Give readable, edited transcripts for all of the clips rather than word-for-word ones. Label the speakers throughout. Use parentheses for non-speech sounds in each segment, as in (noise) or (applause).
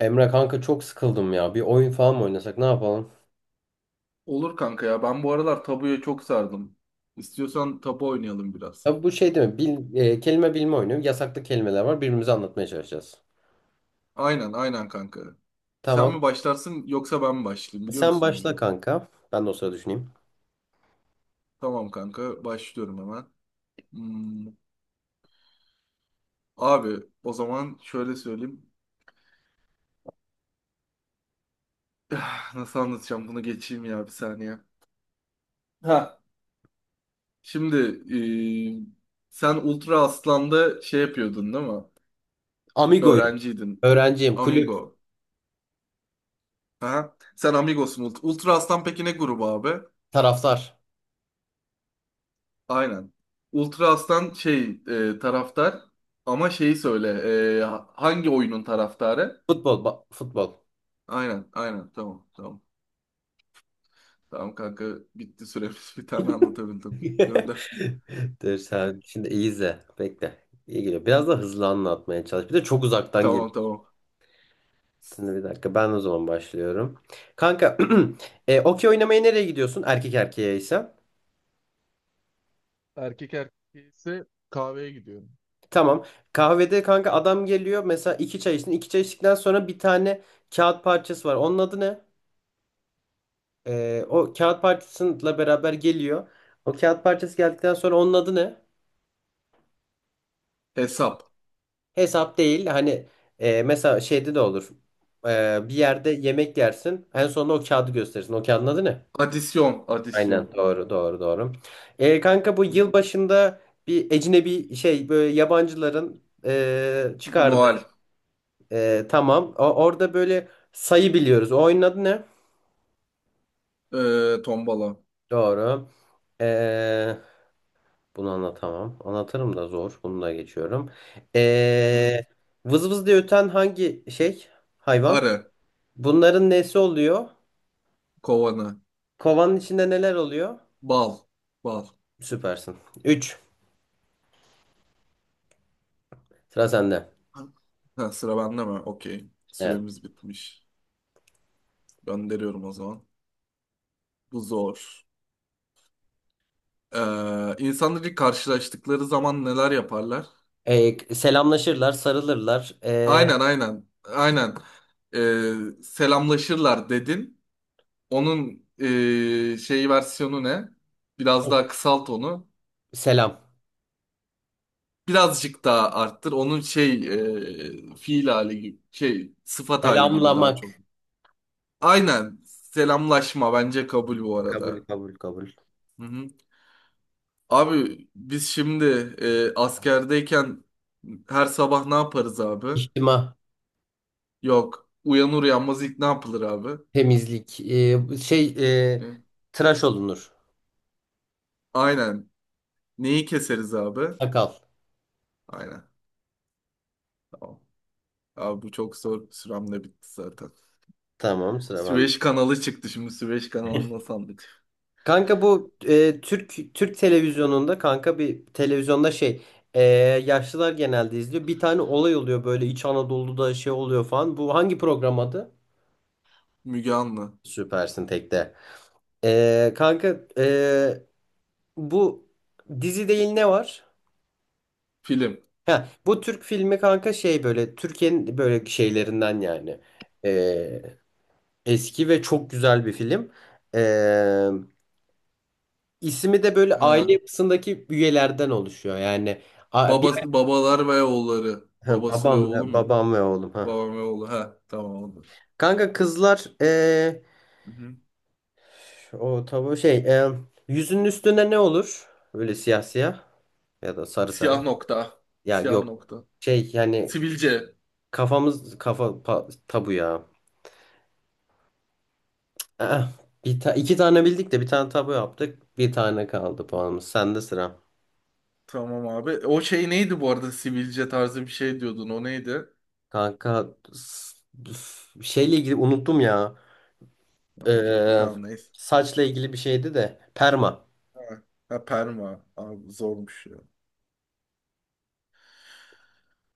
Speaker 1: Emre kanka çok sıkıldım ya. Bir oyun falan mı oynasak ne yapalım?
Speaker 2: Olur kanka ya. Ben bu aralar tabuya çok sardım. İstiyorsan tabu oynayalım biraz.
Speaker 1: Ya bu şey değil mi? Kelime bilme oyunu. Yasaklı kelimeler var. Birbirimize anlatmaya çalışacağız.
Speaker 2: Aynen aynen kanka. Sen
Speaker 1: Tamam.
Speaker 2: mi başlarsın yoksa ben mi başlayayım biliyor
Speaker 1: Sen
Speaker 2: musun
Speaker 1: başla
Speaker 2: oyunu?
Speaker 1: kanka. Ben de o sırada düşüneyim.
Speaker 2: Tamam kanka başlıyorum hemen. Hmm, abi o zaman şöyle söyleyeyim. (sighs) Nasıl anlatacağım bunu geçeyim ya bir saniye. Ha. Şimdi sen Ultra Aslan'da şey yapıyordun değil mi?
Speaker 1: Amigoyum.
Speaker 2: Öğrenciydin.
Speaker 1: Öğrenciyim. Kulüp.
Speaker 2: Amigo. Aha. Sen Amigos'un Ultra Aslan peki ne grubu abi?
Speaker 1: Taraftar.
Speaker 2: Aynen. Ultra Aslan şey taraftar ama şeyi söyle hangi oyunun taraftarı?
Speaker 1: Futbol.
Speaker 2: Aynen aynen tamam tamam. Tamam kanka bitti süremiz (laughs) bir tane anlatabildim.
Speaker 1: (laughs)
Speaker 2: Gönder.
Speaker 1: Dur sen şimdi iyi izle. Bekle. İyi geliyor. Biraz da hızlı anlatmaya çalış. Bir de çok uzaktan geliyor.
Speaker 2: Tamam tamam.
Speaker 1: Şimdi bir dakika ben o zaman başlıyorum. Kanka (clears throat) okey oynamaya nereye gidiyorsun? Erkek erkeğe ise.
Speaker 2: Erkek erkeği ise kahveye gidiyorum.
Speaker 1: Tamam. Kahvede kanka adam geliyor. Mesela iki çay içtin. İki çay içtikten sonra bir tane kağıt parçası var. Onun adı ne? O kağıt parçasıyla beraber geliyor. O kağıt parçası geldikten sonra onun adı ne?
Speaker 2: Hesap.
Speaker 1: Hesap değil. Hani mesela şeyde de olur. Bir yerde yemek yersin. En sonunda o kağıdı gösterirsin. O kağıdın adı ne?
Speaker 2: Adisyon
Speaker 1: Aynen.
Speaker 2: adisyon.
Speaker 1: Doğru, doğru, doğru. Kanka bu yıl başında bir ecnebi şey, böyle yabancıların çıkardığı.
Speaker 2: Noel.
Speaker 1: Tamam. Orada böyle sayı biliyoruz. O oyunun adı ne?
Speaker 2: E, tombala.
Speaker 1: Doğru. Ee, Bunu anlatamam. Anlatırım da zor. Bunu da geçiyorum.
Speaker 2: Hı-hı.
Speaker 1: Ee, Vız vız diye öten hangi şey? Hayvan.
Speaker 2: Arı.
Speaker 1: Bunların nesi oluyor?
Speaker 2: Kovanı.
Speaker 1: Kovanın içinde neler oluyor?
Speaker 2: Bal. Bal.
Speaker 1: Süpersin. Üç. Sıra sende.
Speaker 2: Ha, sıra bende mi? Okey.
Speaker 1: Evet.
Speaker 2: Süremiz bitmiş. Gönderiyorum o zaman. Bu zor. İnsanlar ilk karşılaştıkları zaman neler yaparlar?
Speaker 1: Selamlaşırlar, sarılırlar.
Speaker 2: Aynen aynen. Aynen. Selamlaşırlar dedin. Onun şey versiyonu ne? Biraz daha kısalt onu.
Speaker 1: Selam.
Speaker 2: Birazcık daha arttır. Onun şey fiil hali gibi, şey sıfat hali gibi daha çok.
Speaker 1: Selamlamak.
Speaker 2: Aynen. Selamlaşma bence kabul bu
Speaker 1: Kabul,
Speaker 2: arada.
Speaker 1: kabul, kabul.
Speaker 2: Hı hı. Abi biz şimdi askerdeyken her sabah ne yaparız abi?
Speaker 1: İçtima.
Speaker 2: Yok. Uyanır uyanmaz ilk ne yapılır abi?
Speaker 1: Temizlik. E,
Speaker 2: Hı.
Speaker 1: Tıraş olunur.
Speaker 2: Aynen. Neyi keseriz abi?
Speaker 1: Sakal.
Speaker 2: Aynen. Tamam. Abi bu çok zor. Sürem de bitti zaten.
Speaker 1: Tamam, sıra bende.
Speaker 2: Süveyş kanalı çıktı şimdi. Süveyş kanalına sandık.
Speaker 1: Kanka bu Türk televizyonunda, kanka bir televizyonda şey, e, yaşlılar genelde izliyor. Bir tane olay oluyor, böyle İç Anadolu'da şey oluyor falan. Bu hangi program adı?
Speaker 2: Müge Anlı.
Speaker 1: Süpersin tekte. E, kanka, e, bu dizi değil, ne var?
Speaker 2: Film.
Speaker 1: Ha, bu Türk filmi kanka, şey böyle Türkiye'nin böyle şeylerinden yani. Eski ve çok güzel bir film. Ee, ismi de böyle aile
Speaker 2: Ha.
Speaker 1: yapısındaki üyelerden oluşuyor. Yani bir
Speaker 2: Baba, babalar ve oğulları.
Speaker 1: ha,
Speaker 2: Babası ve
Speaker 1: babam
Speaker 2: oğlu
Speaker 1: ve
Speaker 2: mu?
Speaker 1: babam ve oğlum ha.
Speaker 2: Babam ve oğlu. Ha. Tamam oldu.
Speaker 1: Kanka kızlar
Speaker 2: Hı hı.
Speaker 1: o tabu şey, yüzünün üstüne ne olur? Böyle siyah siyah ya da sarı sarı.
Speaker 2: Siyah nokta.
Speaker 1: Ya
Speaker 2: Siyah
Speaker 1: yok.
Speaker 2: nokta.
Speaker 1: Şey yani
Speaker 2: Sivilce.
Speaker 1: tabu ya. Ah, iki tane bildik de bir tane tabu yaptık. Bir tane kaldı puanımız. Sende sıra.
Speaker 2: Tamam abi. O şey neydi bu arada? Sivilce tarzı bir şey diyordun. O neydi?
Speaker 1: Kanka s- şeyle ilgili unuttum ya.
Speaker 2: Okey.
Speaker 1: Ee,
Speaker 2: Tamam neyse.
Speaker 1: Saçla ilgili bir şeydi de. Perma.
Speaker 2: Ha, ha, perma. Abi zormuş ya.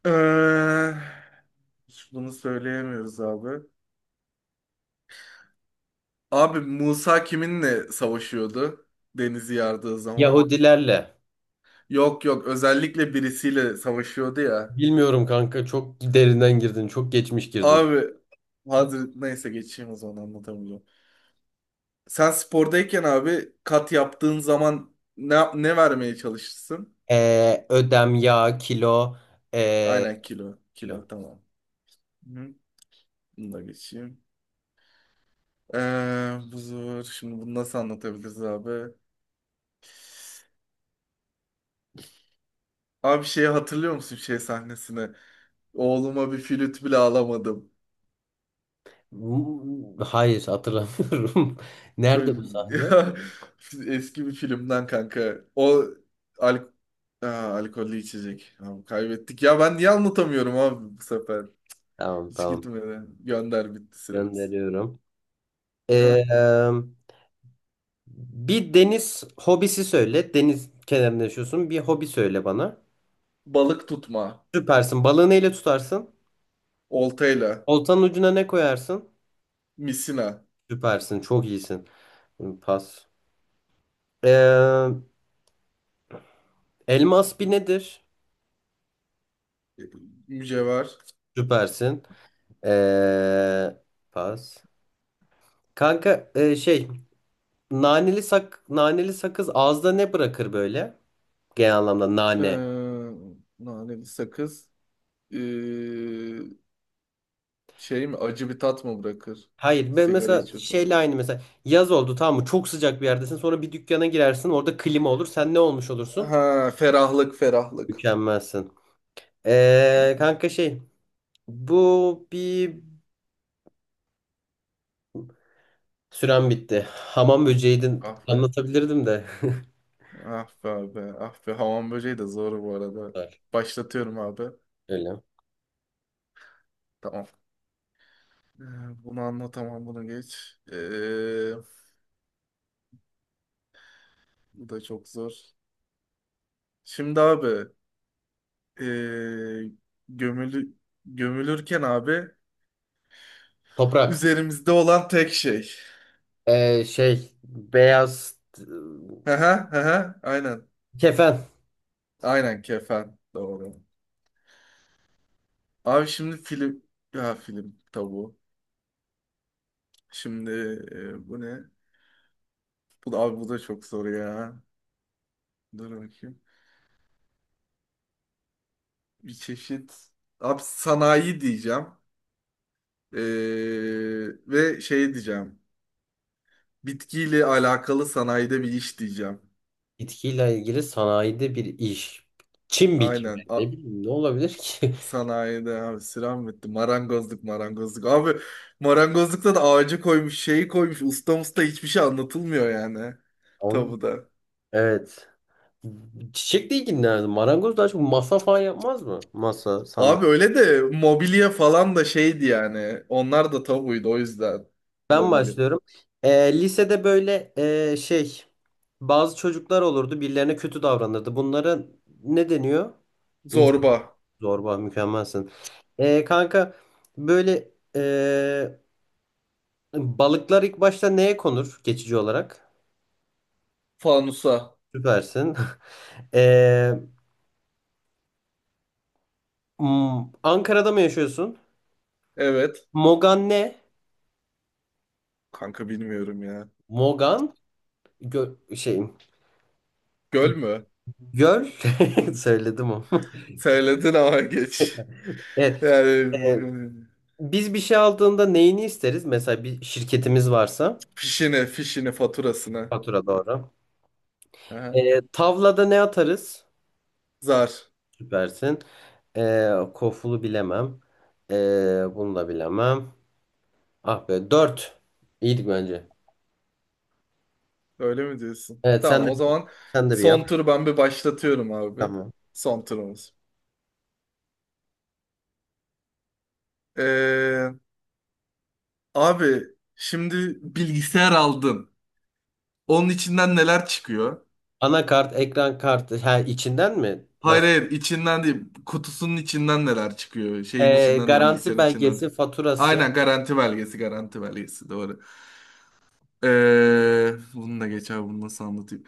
Speaker 2: Ee, hiç bunu söyleyemiyoruz abi. Abi Musa kiminle savaşıyordu? Denizi yardığı zaman.
Speaker 1: Yahudilerle.
Speaker 2: Yok yok özellikle birisiyle savaşıyordu ya.
Speaker 1: Bilmiyorum kanka, çok derinden girdin. Çok geçmiş girdin.
Speaker 2: Abi Hazret neyse geçeyim o zaman anlatamayacağım. Sen spordayken abi kat yaptığın zaman ne vermeye çalışırsın?
Speaker 1: Ödem, yağ, kilo. ee,
Speaker 2: Aynen kilo.
Speaker 1: Kilo.
Speaker 2: Kilo tamam. Hı. Bunu da geçeyim. Bu zor. Şimdi bunu nasıl anlatabiliriz abi? Abi şeyi hatırlıyor musun şey sahnesini? Oğluma bir flüt bile alamadım.
Speaker 1: M- Hayır hatırlamıyorum. (laughs) Nerede bu
Speaker 2: Çö-
Speaker 1: sahne?
Speaker 2: (laughs) Eski bir filmden kanka. O al Aa, alkollü içecek. Abi kaybettik. Ya ben niye anlatamıyorum abi bu sefer?
Speaker 1: Tamam,
Speaker 2: Hiç
Speaker 1: tamam.
Speaker 2: gitmedi. Gönder bitti süremiz.
Speaker 1: Gönderiyorum.
Speaker 2: Aha.
Speaker 1: Ee, Bir deniz hobisi söyle. Deniz kenarında yaşıyorsun. Bir hobi söyle bana.
Speaker 2: Balık tutma.
Speaker 1: Süpersin. Balığı neyle tutarsın?
Speaker 2: Oltayla.
Speaker 1: Oltanın ucuna ne koyarsın?
Speaker 2: Misina.
Speaker 1: Süpersin, çok iyisin. Pas. Ee, Elmas bir nedir?
Speaker 2: e, Mücevher.
Speaker 1: Süpersin. Ee, Pas. Kanka, naneli sakız ağızda ne bırakır böyle? Genel anlamda nane.
Speaker 2: Ee, naneli sakız. Ee, şey mi? Acı bir tat mı bırakır?
Speaker 1: Hayır ben
Speaker 2: Sigara
Speaker 1: mesela şeyle
Speaker 2: içiyorsun.
Speaker 1: aynı, mesela yaz oldu tamam mı? Çok sıcak bir yerdesin, sonra bir dükkana girersin, orada klima olur, sen ne olmuş olursun?
Speaker 2: Ha, ferahlık ferahlık.
Speaker 1: Mükemmelsin. Kanka şey, bu bir, sürem bitti. Hamam böceğiydi,
Speaker 2: Ah be.
Speaker 1: anlatabilirdim de.
Speaker 2: Ah be abi. Ah be. Hamam böceği de zor bu arada.
Speaker 1: (laughs)
Speaker 2: Başlatıyorum abi.
Speaker 1: Öyle.
Speaker 2: Tamam. Ee, bunu anlatamam bunu geç. Bu da çok zor. Şimdi abi ee, gömülü, gömülürken abi
Speaker 1: Toprak.
Speaker 2: üzerimizde olan tek şey.
Speaker 1: Beyaz
Speaker 2: Hı hı hı hı. Aynen.
Speaker 1: kefen.
Speaker 2: Aynen kefen. Doğru. Abi şimdi film. Ya film tabu. Şimdi bu ne? Bu da, abi bu da çok zor ya. Dur bakayım. Bir çeşit abi sanayi diyeceğim. Ee, ve şey diyeceğim. Bitkiyle alakalı sanayide bir iş diyeceğim.
Speaker 1: Bitkiyle ilgili sanayide bir iş. Çim biçimi.
Speaker 2: Aynen.
Speaker 1: Ne bileyim, ne olabilir ki?
Speaker 2: Sanayide abi sıram bitti. Marangozluk marangozluk. Abi marangozlukta da ağacı koymuş şeyi koymuş. Usta usta hiçbir şey anlatılmıyor yani.
Speaker 1: (laughs) Ama
Speaker 2: Tabuda.
Speaker 1: evet. Çiçekle ilgilenirdim. Marangoz daha çok masa falan yapmaz mı? Masa,
Speaker 2: Abi
Speaker 1: sandalye.
Speaker 2: öyle de mobilya falan da şeydi yani. Onlar da tabuydu o yüzden.
Speaker 1: Ben
Speaker 2: Mobilya.
Speaker 1: başlıyorum. Lisede böyle e, şey bazı çocuklar olurdu. Birilerine kötü davranırdı. Bunlara ne deniyor?
Speaker 2: Zorba.
Speaker 1: Zorba, mükemmelsin. Kanka böyle balıklar ilk başta neye konur geçici olarak?
Speaker 2: Fanusa.
Speaker 1: Süpersin. (laughs) Ee, Ankara'da mı yaşıyorsun?
Speaker 2: Evet.
Speaker 1: Mogan ne?
Speaker 2: Kanka bilmiyorum ya.
Speaker 1: Mogan gö- şey
Speaker 2: Göl mü?
Speaker 1: göl. (laughs) Söyledim o.
Speaker 2: Söyledin ama geç.
Speaker 1: (laughs) Evet.
Speaker 2: Yani
Speaker 1: ee, Biz bir şey aldığında neyini isteriz? Mesela bir şirketimiz varsa,
Speaker 2: fişine, fişine, faturasına.
Speaker 1: fatura doğru.
Speaker 2: Aha.
Speaker 1: Tavlada ne atarız?
Speaker 2: Zar.
Speaker 1: Süpersin. Kofulu bilemem. Bunu da bilemem. Ah be, dört. İyiydik bence.
Speaker 2: Öyle mi diyorsun?
Speaker 1: Evet, sen
Speaker 2: Tamam
Speaker 1: de.
Speaker 2: o
Speaker 1: Tamam,
Speaker 2: zaman
Speaker 1: sen de bir yap.
Speaker 2: son turu ben bir başlatıyorum abi.
Speaker 1: Tamam.
Speaker 2: Son turumuz. Ee, abi şimdi bilgisayar aldın. Onun içinden neler çıkıyor?
Speaker 1: Anakart, ekran kartı. Ha, içinden mi?
Speaker 2: Hayır
Speaker 1: Nasıl?
Speaker 2: hayır içinden değil. Kutusunun içinden neler çıkıyor? Şeyin içinden değil
Speaker 1: Garanti
Speaker 2: bilgisayarın içinden. Değil.
Speaker 1: belgesi, faturası,
Speaker 2: Aynen garanti belgesi garanti belgesi doğru. Bunu da geç abi bunu nasıl anlatayım?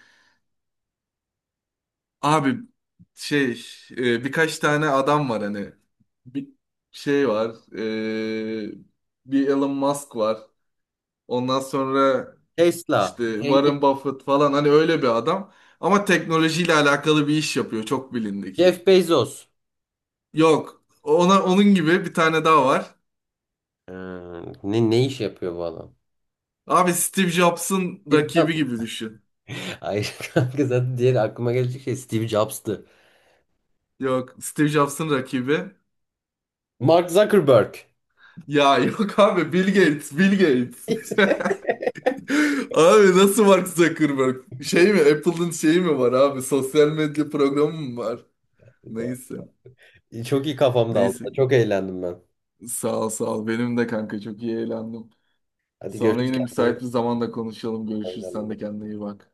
Speaker 2: Abi şey birkaç tane adam var hani bir şey var ee, bir Elon Musk var ondan sonra
Speaker 1: Tesla,
Speaker 2: işte
Speaker 1: zengin.
Speaker 2: Warren Buffett falan hani öyle bir adam ama teknolojiyle alakalı bir iş yapıyor çok bilindik.
Speaker 1: Jeff Bezos.
Speaker 2: Yok ona onun gibi bir tane daha var.
Speaker 1: Ee, Ne ne iş yapıyor bu adam?
Speaker 2: Abi Steve Jobs'ın
Speaker 1: Steve
Speaker 2: rakibi
Speaker 1: Jobs.
Speaker 2: gibi düşün.
Speaker 1: (laughs) Hayır kanka, zaten diğer aklıma gelecek şey Steve Jobs'tı.
Speaker 2: Yok Steve Jobs'ın rakibi.
Speaker 1: Mark Zuckerberg.
Speaker 2: Ya yok abi Bill Gates, Bill Gates. (laughs) Abi nasıl Mark Zuckerberg? Şey mi? Apple'ın şeyi mi var abi? Sosyal medya programı mı var?
Speaker 1: (laughs)
Speaker 2: Neyse.
Speaker 1: Çok iyi kafamda aldı.
Speaker 2: Neyse.
Speaker 1: Çok eğlendim ben.
Speaker 2: Sağ ol sağ ol. Benim de kanka çok iyi eğlendim.
Speaker 1: Hadi
Speaker 2: Sonra
Speaker 1: görüşürüz,
Speaker 2: yine
Speaker 1: kendine iyi
Speaker 2: müsait bir
Speaker 1: bak.
Speaker 2: zamanda konuşalım. Görüşürüz. Sen
Speaker 1: Oynayalım.
Speaker 2: de kendine iyi bak.